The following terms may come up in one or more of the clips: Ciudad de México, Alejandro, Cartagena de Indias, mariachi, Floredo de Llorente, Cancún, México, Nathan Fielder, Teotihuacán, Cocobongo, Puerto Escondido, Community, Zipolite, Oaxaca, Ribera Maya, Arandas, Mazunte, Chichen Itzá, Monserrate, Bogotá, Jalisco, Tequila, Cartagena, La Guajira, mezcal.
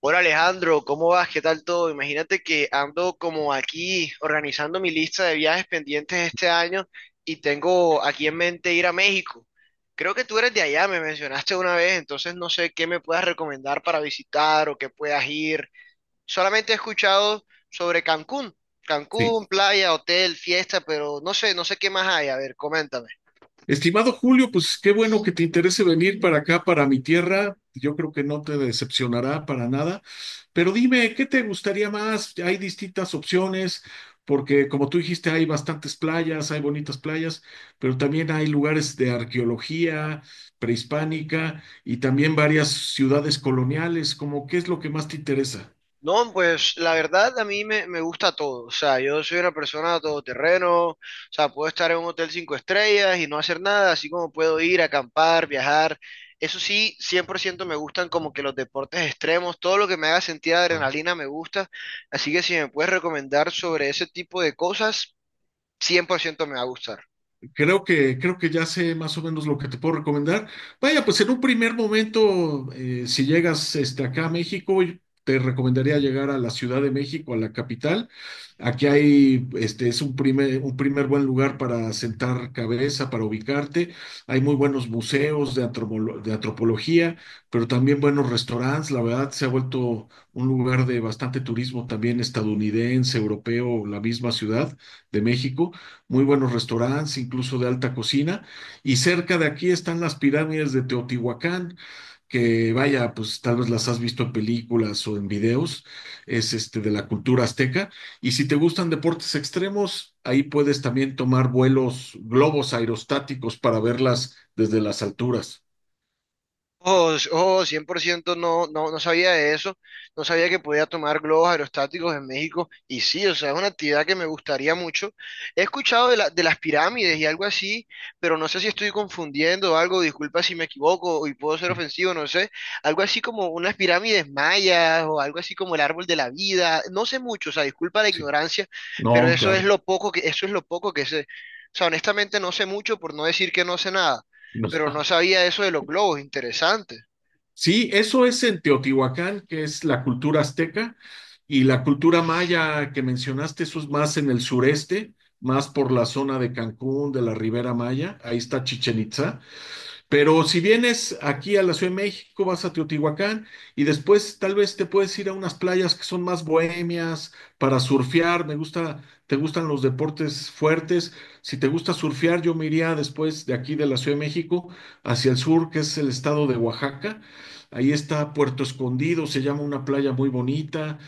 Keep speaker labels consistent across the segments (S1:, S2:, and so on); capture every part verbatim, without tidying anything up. S1: Hola Alejandro, ¿cómo vas? ¿Qué tal todo? Imagínate que ando como aquí organizando mi lista de viajes pendientes este año y tengo aquí en mente ir a México. Creo que tú eres de allá, me mencionaste una vez, entonces no sé qué me puedas recomendar para visitar o qué puedas ir. Solamente he escuchado sobre Cancún,
S2: Sí.
S1: Cancún, playa, hotel, fiesta, pero no sé, no sé qué más hay. A ver, coméntame.
S2: Estimado Julio, pues qué bueno que te interese venir para acá, para mi tierra. Yo creo que no te decepcionará para nada. Pero dime, ¿qué te gustaría más? Hay distintas opciones, porque como tú dijiste, hay bastantes playas, hay bonitas playas, pero también hay lugares de arqueología prehispánica y también varias ciudades coloniales. Como, ¿qué es lo que más te interesa?
S1: No, pues la verdad a mí me, me gusta todo. O sea, yo soy una persona todoterreno. O sea, puedo estar en un hotel cinco estrellas y no hacer nada, así como puedo ir a acampar, viajar. Eso sí, cien por ciento me gustan como que los deportes extremos, todo lo que me haga sentir adrenalina me gusta. Así que si me puedes recomendar sobre ese tipo de cosas, cien por ciento me va a gustar.
S2: Creo que, creo que ya sé más o menos lo que te puedo recomendar. Vaya, pues en un primer momento, eh, si llegas este, acá a México, yo te recomendaría llegar a la Ciudad de México, a la capital. Aquí hay, este, es un primer, un primer buen lugar para sentar cabeza, para ubicarte. Hay muy buenos museos de, antropolo- de antropología, pero también buenos restaurantes. La verdad, se ha vuelto un lugar de bastante turismo también estadounidense, europeo, la misma ciudad de México muy buenos restaurantes, incluso de alta cocina. Y cerca de aquí están las pirámides de Teotihuacán, que vaya, pues tal vez las has visto en películas o en videos, es este de la cultura azteca. Y si te gustan deportes extremos, ahí puedes también tomar vuelos, globos aerostáticos para verlas desde las alturas.
S1: Oh, s- oh, cien por ciento no, no, no sabía de eso, no sabía que podía tomar globos aerostáticos en México y sí, o sea, es una actividad que me gustaría mucho. He escuchado de, la- de las pirámides y algo así, pero no sé si estoy confundiendo algo, disculpa si me equivoco y puedo ser
S2: Sí,
S1: ofensivo, no sé, algo así como unas pirámides mayas o algo así como el árbol de la vida, no sé mucho, o sea, disculpa la
S2: sí.
S1: ignorancia, pero
S2: No,
S1: eso es
S2: claro.
S1: lo poco que, eso es lo poco que sé. O sea, honestamente no sé mucho por no decir que no sé nada
S2: No.
S1: pero no sabía eso de los globos, interesante.
S2: Sí, eso es en Teotihuacán, que es la cultura azteca, y la cultura maya que mencionaste, eso es más en el sureste, más por la zona de Cancún, de la Ribera Maya, ahí está Chichen Itzá. Pero si vienes aquí a la Ciudad de México, vas a Teotihuacán y después tal vez te puedes ir a unas playas que son más bohemias para surfear. Me gusta, te gustan los deportes fuertes. Si te gusta surfear, yo me iría después de aquí de la Ciudad de México hacia el sur, que es el estado de Oaxaca. Ahí está Puerto Escondido, se llama una playa muy bonita,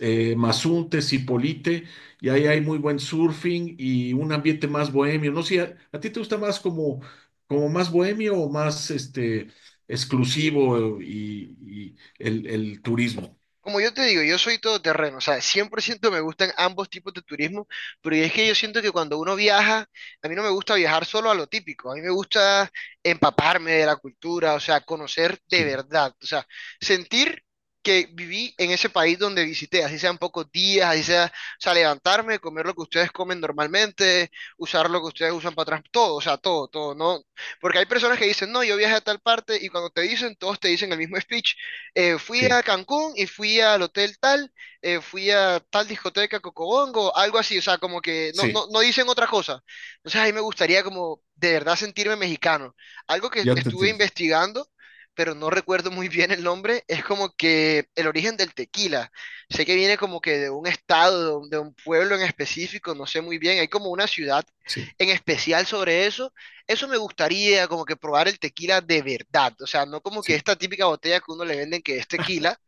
S2: eh, Mazunte, Zipolite, y ahí hay muy buen surfing y un ambiente más bohemio. No sé, ¿a, a ti te gusta más como como más bohemio o más este, exclusivo y, y el, el turismo?
S1: Como yo te digo, yo soy todoterreno, o sea, cien por ciento me gustan ambos tipos de turismo, pero es que yo siento que cuando uno viaja, a mí no me gusta viajar solo a lo típico, a mí me gusta empaparme de la cultura, o sea, conocer de
S2: Sí,
S1: verdad, o sea, sentir que viví en ese país donde visité, así sean pocos días, así sea, o sea, levantarme, comer lo que ustedes comen normalmente, usar lo que ustedes usan para atrás, todo, o sea, todo, todo, ¿no? Porque hay personas que dicen, no, yo viajé a tal parte y cuando te dicen, todos te dicen el mismo speech eh, fui a
S2: sí,
S1: Cancún y fui al hotel tal, eh, fui a tal discoteca Cocobongo, algo así, o sea, como que no,
S2: sí,
S1: no, no dicen otra cosa. Entonces ahí me gustaría como de verdad sentirme mexicano. Algo que
S2: ya te
S1: estuve
S2: entiendo.
S1: investigando, pero no recuerdo muy bien el nombre, es como que el origen del tequila. Sé que viene como que de un estado, de un de un pueblo en específico, no sé muy bien, hay como una ciudad
S2: Sí,
S1: en especial sobre eso eso me gustaría, como que probar el tequila de verdad. O sea, no como que
S2: sí,
S1: esta típica botella que uno le venden que es tequila,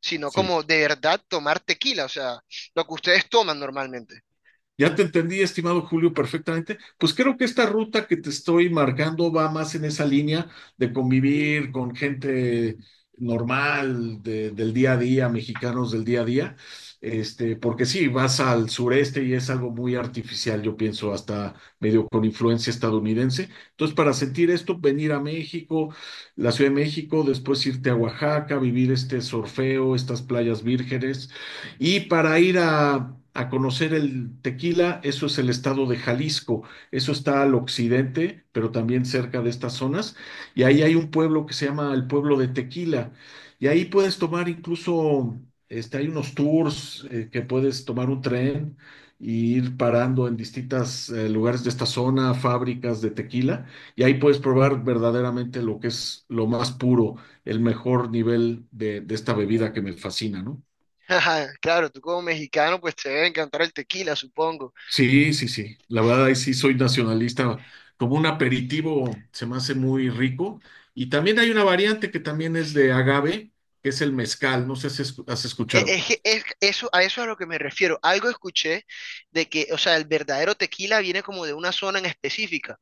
S1: sino
S2: sí.
S1: como de verdad tomar tequila. O sea, lo que ustedes toman normalmente.
S2: Ya te entendí, estimado Julio, perfectamente. Pues creo que esta ruta que te estoy marcando va más en esa línea de convivir con gente normal de- del día a día, mexicanos del día a día. Este, porque sí, vas al sureste y es algo muy artificial, yo pienso, hasta medio con influencia estadounidense. Entonces, para sentir esto, venir a México, la Ciudad de México, después irte a Oaxaca, vivir este sorfeo, estas playas vírgenes y para ir a, a conocer el tequila, eso es el estado de Jalisco. Eso está al occidente, pero también cerca de estas zonas. Y ahí hay un pueblo que se llama el pueblo de Tequila. Y ahí puedes tomar incluso, este, hay unos tours eh, que puedes tomar un tren y ir parando en distintos lugares de esta zona, fábricas de tequila. Y ahí puedes probar verdaderamente lo que es lo más puro, el mejor nivel de, de esta bebida que me fascina, ¿no?
S1: Ajá, claro, tú como mexicano, pues te debe encantar el tequila, supongo.
S2: Sí, sí, sí. La verdad, ahí sí soy nacionalista. Como un aperitivo se me hace muy rico. Y también hay una variante que también es de agave, que es el mezcal. No sé si es- has
S1: E-
S2: escuchado.
S1: Es, que es- eso, A eso es a lo que me refiero. Algo escuché de que, o sea, el verdadero tequila viene como de una zona en específica.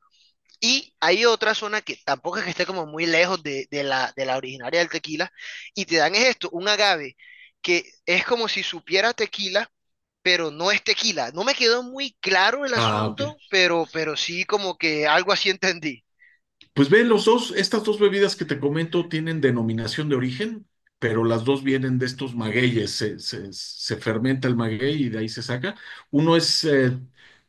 S1: Y hay otra zona que tampoco es que esté como muy lejos de, de la, de la originaria del tequila, y te dan es esto, un agave, que es como si supiera tequila, pero no es tequila. No me quedó muy claro el
S2: Ah, ok.
S1: asunto, pero, pero sí como que algo así entendí.
S2: Pues ve, los dos, estas dos bebidas que te comento tienen denominación de origen, pero las dos vienen de estos magueyes. Se, se- se fermenta el maguey y de ahí se saca. Uno es eh,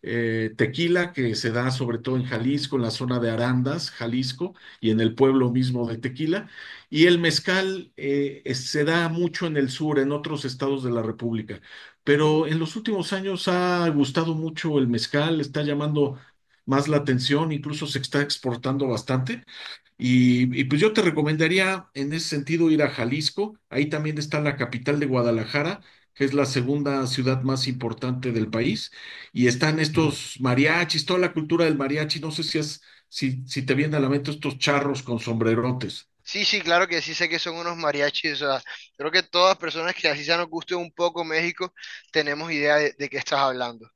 S2: eh, tequila, que se da sobre todo en Jalisco, en la zona de Arandas, Jalisco, y en el pueblo mismo de Tequila. Y el mezcal eh, es- se da mucho en el sur, en otros estados de la República. Pero en los últimos años ha gustado mucho el mezcal, está llamando más la atención, incluso se está exportando bastante. Y, y, pues yo te recomendaría en ese sentido ir a Jalisco, ahí también está la capital de Guadalajara, que es la segunda ciudad más importante del país, y están estos mariachis, toda la cultura del mariachi, no sé si, es, si, si te vienen a la mente estos charros con sombrerotes.
S1: Sí, sí, claro que sí sé que son unos mariachis, o sea, creo que todas personas que así sea nos guste un poco México, tenemos idea de, de qué estás hablando.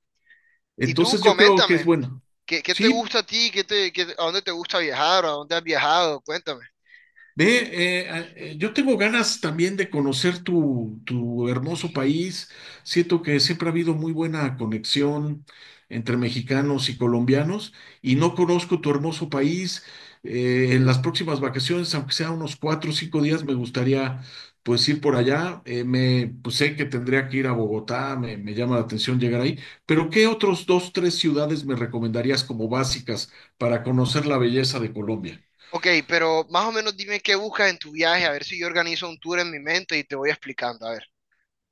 S1: Y tú,
S2: Entonces yo creo que es
S1: coméntame,
S2: bueno.
S1: ¿qué, qué te
S2: Sí,
S1: gusta a ti? ¿Qué te, qué- a dónde te gusta viajar? ¿A dónde has viajado? Cuéntame.
S2: ve, eh, eh, yo tengo ganas también de conocer tu, tu hermoso país. Siento que siempre ha habido muy buena conexión entre mexicanos y colombianos y no conozco tu hermoso país. Eh, en las próximas vacaciones, aunque sea unos cuatro o cinco días, me gustaría pues ir por allá. Eh, me, pues sé que tendría que ir a Bogotá, me, me llama la atención llegar ahí. Pero ¿qué otros dos, tres ciudades me recomendarías como básicas para conocer la belleza de Colombia?
S1: Ok, pero más o menos dime qué buscas en tu viaje, a ver si yo organizo un tour en mi mente y te voy explicando, a ver.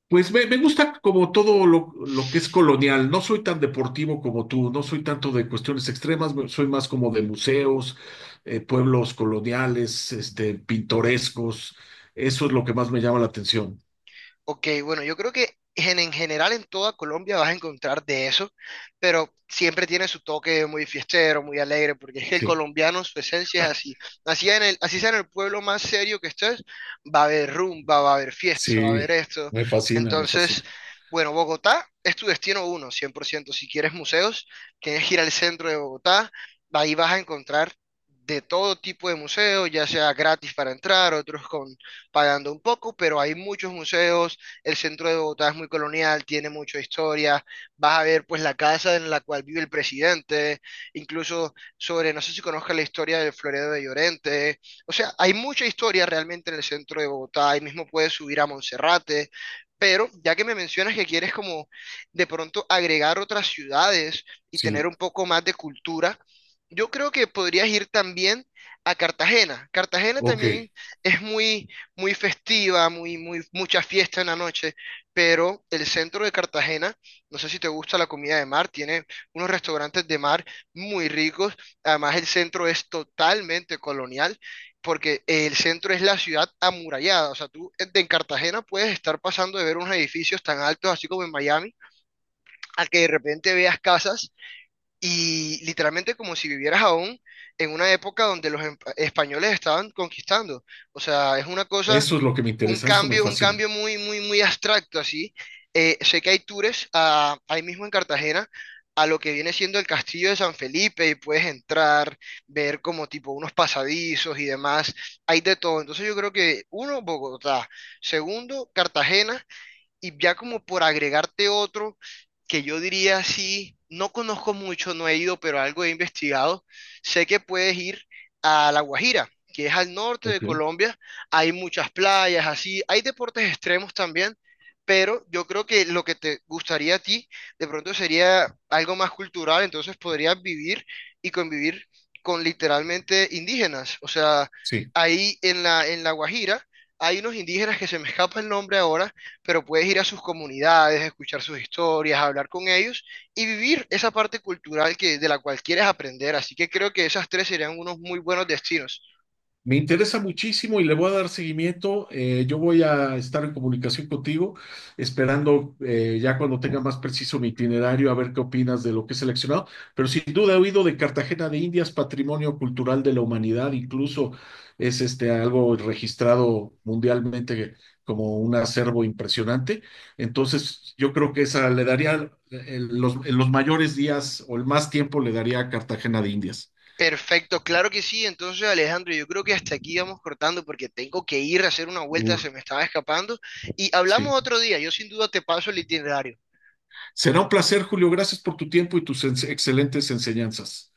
S2: Pues me, me gusta como todo lo, lo que es colonial. No soy tan deportivo como tú, no soy tanto de cuestiones extremas, me- soy más como de museos, eh, pueblos coloniales, este, pintorescos. Eso es lo que más me llama la atención.
S1: Ok, bueno, yo creo que en, en general en toda Colombia vas a encontrar de eso, pero siempre tiene su toque muy fiestero, muy alegre, porque es que el
S2: Sí,
S1: colombiano, su esencia es así. Así, en el, así sea en el pueblo más serio que estés, va a haber rumba, va a haber fiesta, va a
S2: sí,
S1: haber esto.
S2: me fascina, me
S1: Entonces,
S2: fascina.
S1: bueno, Bogotá es tu destino uno, cien por ciento. Si quieres museos, tienes que ir al centro de Bogotá, ahí vas a encontrar... de todo tipo de museos, ya sea gratis para entrar, otros con pagando un poco, pero hay muchos museos, el centro de Bogotá es muy colonial, tiene mucha historia, vas a ver pues la casa en la cual vive el presidente, incluso sobre, no sé si conozcas la historia del Floredo de Llorente, o sea, hay mucha historia realmente en el centro de Bogotá, ahí mismo puedes subir a Monserrate, pero ya que me mencionas que quieres como de pronto agregar otras ciudades y tener
S2: Sí,
S1: un poco más de cultura, yo creo que podrías ir también a Cartagena. Cartagena
S2: ok.
S1: también es muy muy festiva, muy, muy, mucha fiesta en la noche, pero el centro de Cartagena, no sé si te gusta la comida de mar, tiene unos restaurantes de mar muy ricos, además el centro es totalmente colonial, porque el centro es la ciudad amurallada, o sea, tú en en Cartagena puedes estar pasando de ver unos edificios tan altos, así como en Miami, a que de repente veas casas y literalmente como si vivieras aún en una época donde los em- españoles estaban conquistando, o sea, es una cosa
S2: Eso es lo que me
S1: un
S2: interesa, eso me
S1: cambio, un
S2: fascina.
S1: cambio muy, muy, muy abstracto así. Eh, sé que hay tours a- ahí mismo en Cartagena a lo que viene siendo el Castillo de San Felipe y puedes entrar, ver como tipo unos pasadizos y demás. Hay de todo. Entonces yo creo que uno, Bogotá. Segundo, Cartagena. Y ya como por agregarte otro que yo diría sí, no conozco mucho, no he ido, pero algo he investigado. Sé que puedes ir a La Guajira, que es al norte de
S2: Ok.
S1: Colombia. Hay muchas playas, así. Hay deportes extremos también, pero yo creo que lo que te gustaría a ti de pronto sería algo más cultural, entonces podrías vivir y convivir con literalmente indígenas. O sea,
S2: Sí.
S1: ahí en la, en La Guajira. Hay unos indígenas que se me escapa el nombre ahora, pero puedes ir a sus comunidades, escuchar sus historias, hablar con ellos y vivir esa parte cultural que, de la cual quieres aprender. Así que creo que esas tres serían unos muy buenos destinos.
S2: Me interesa muchísimo y le voy a dar seguimiento. Eh, yo voy a estar en comunicación contigo, esperando eh, ya cuando tenga más preciso mi itinerario, a ver qué opinas de lo que he seleccionado. Pero sin duda he oído de Cartagena de Indias, patrimonio cultural de la humanidad, incluso es este algo registrado mundialmente como un acervo impresionante. Entonces, yo creo que esa le daría en los, en los mayores días o el más tiempo le daría a Cartagena de Indias.
S1: Perfecto, claro que sí. Entonces, Alejandro, yo creo que hasta aquí vamos cortando porque tengo que ir a hacer una vuelta,
S2: Uh,
S1: se me estaba escapando. Y
S2: sí.
S1: hablamos otro día, yo sin duda te paso el itinerario.
S2: Será un placer, Julio. Gracias por tu tiempo y tus excelentes enseñanzas.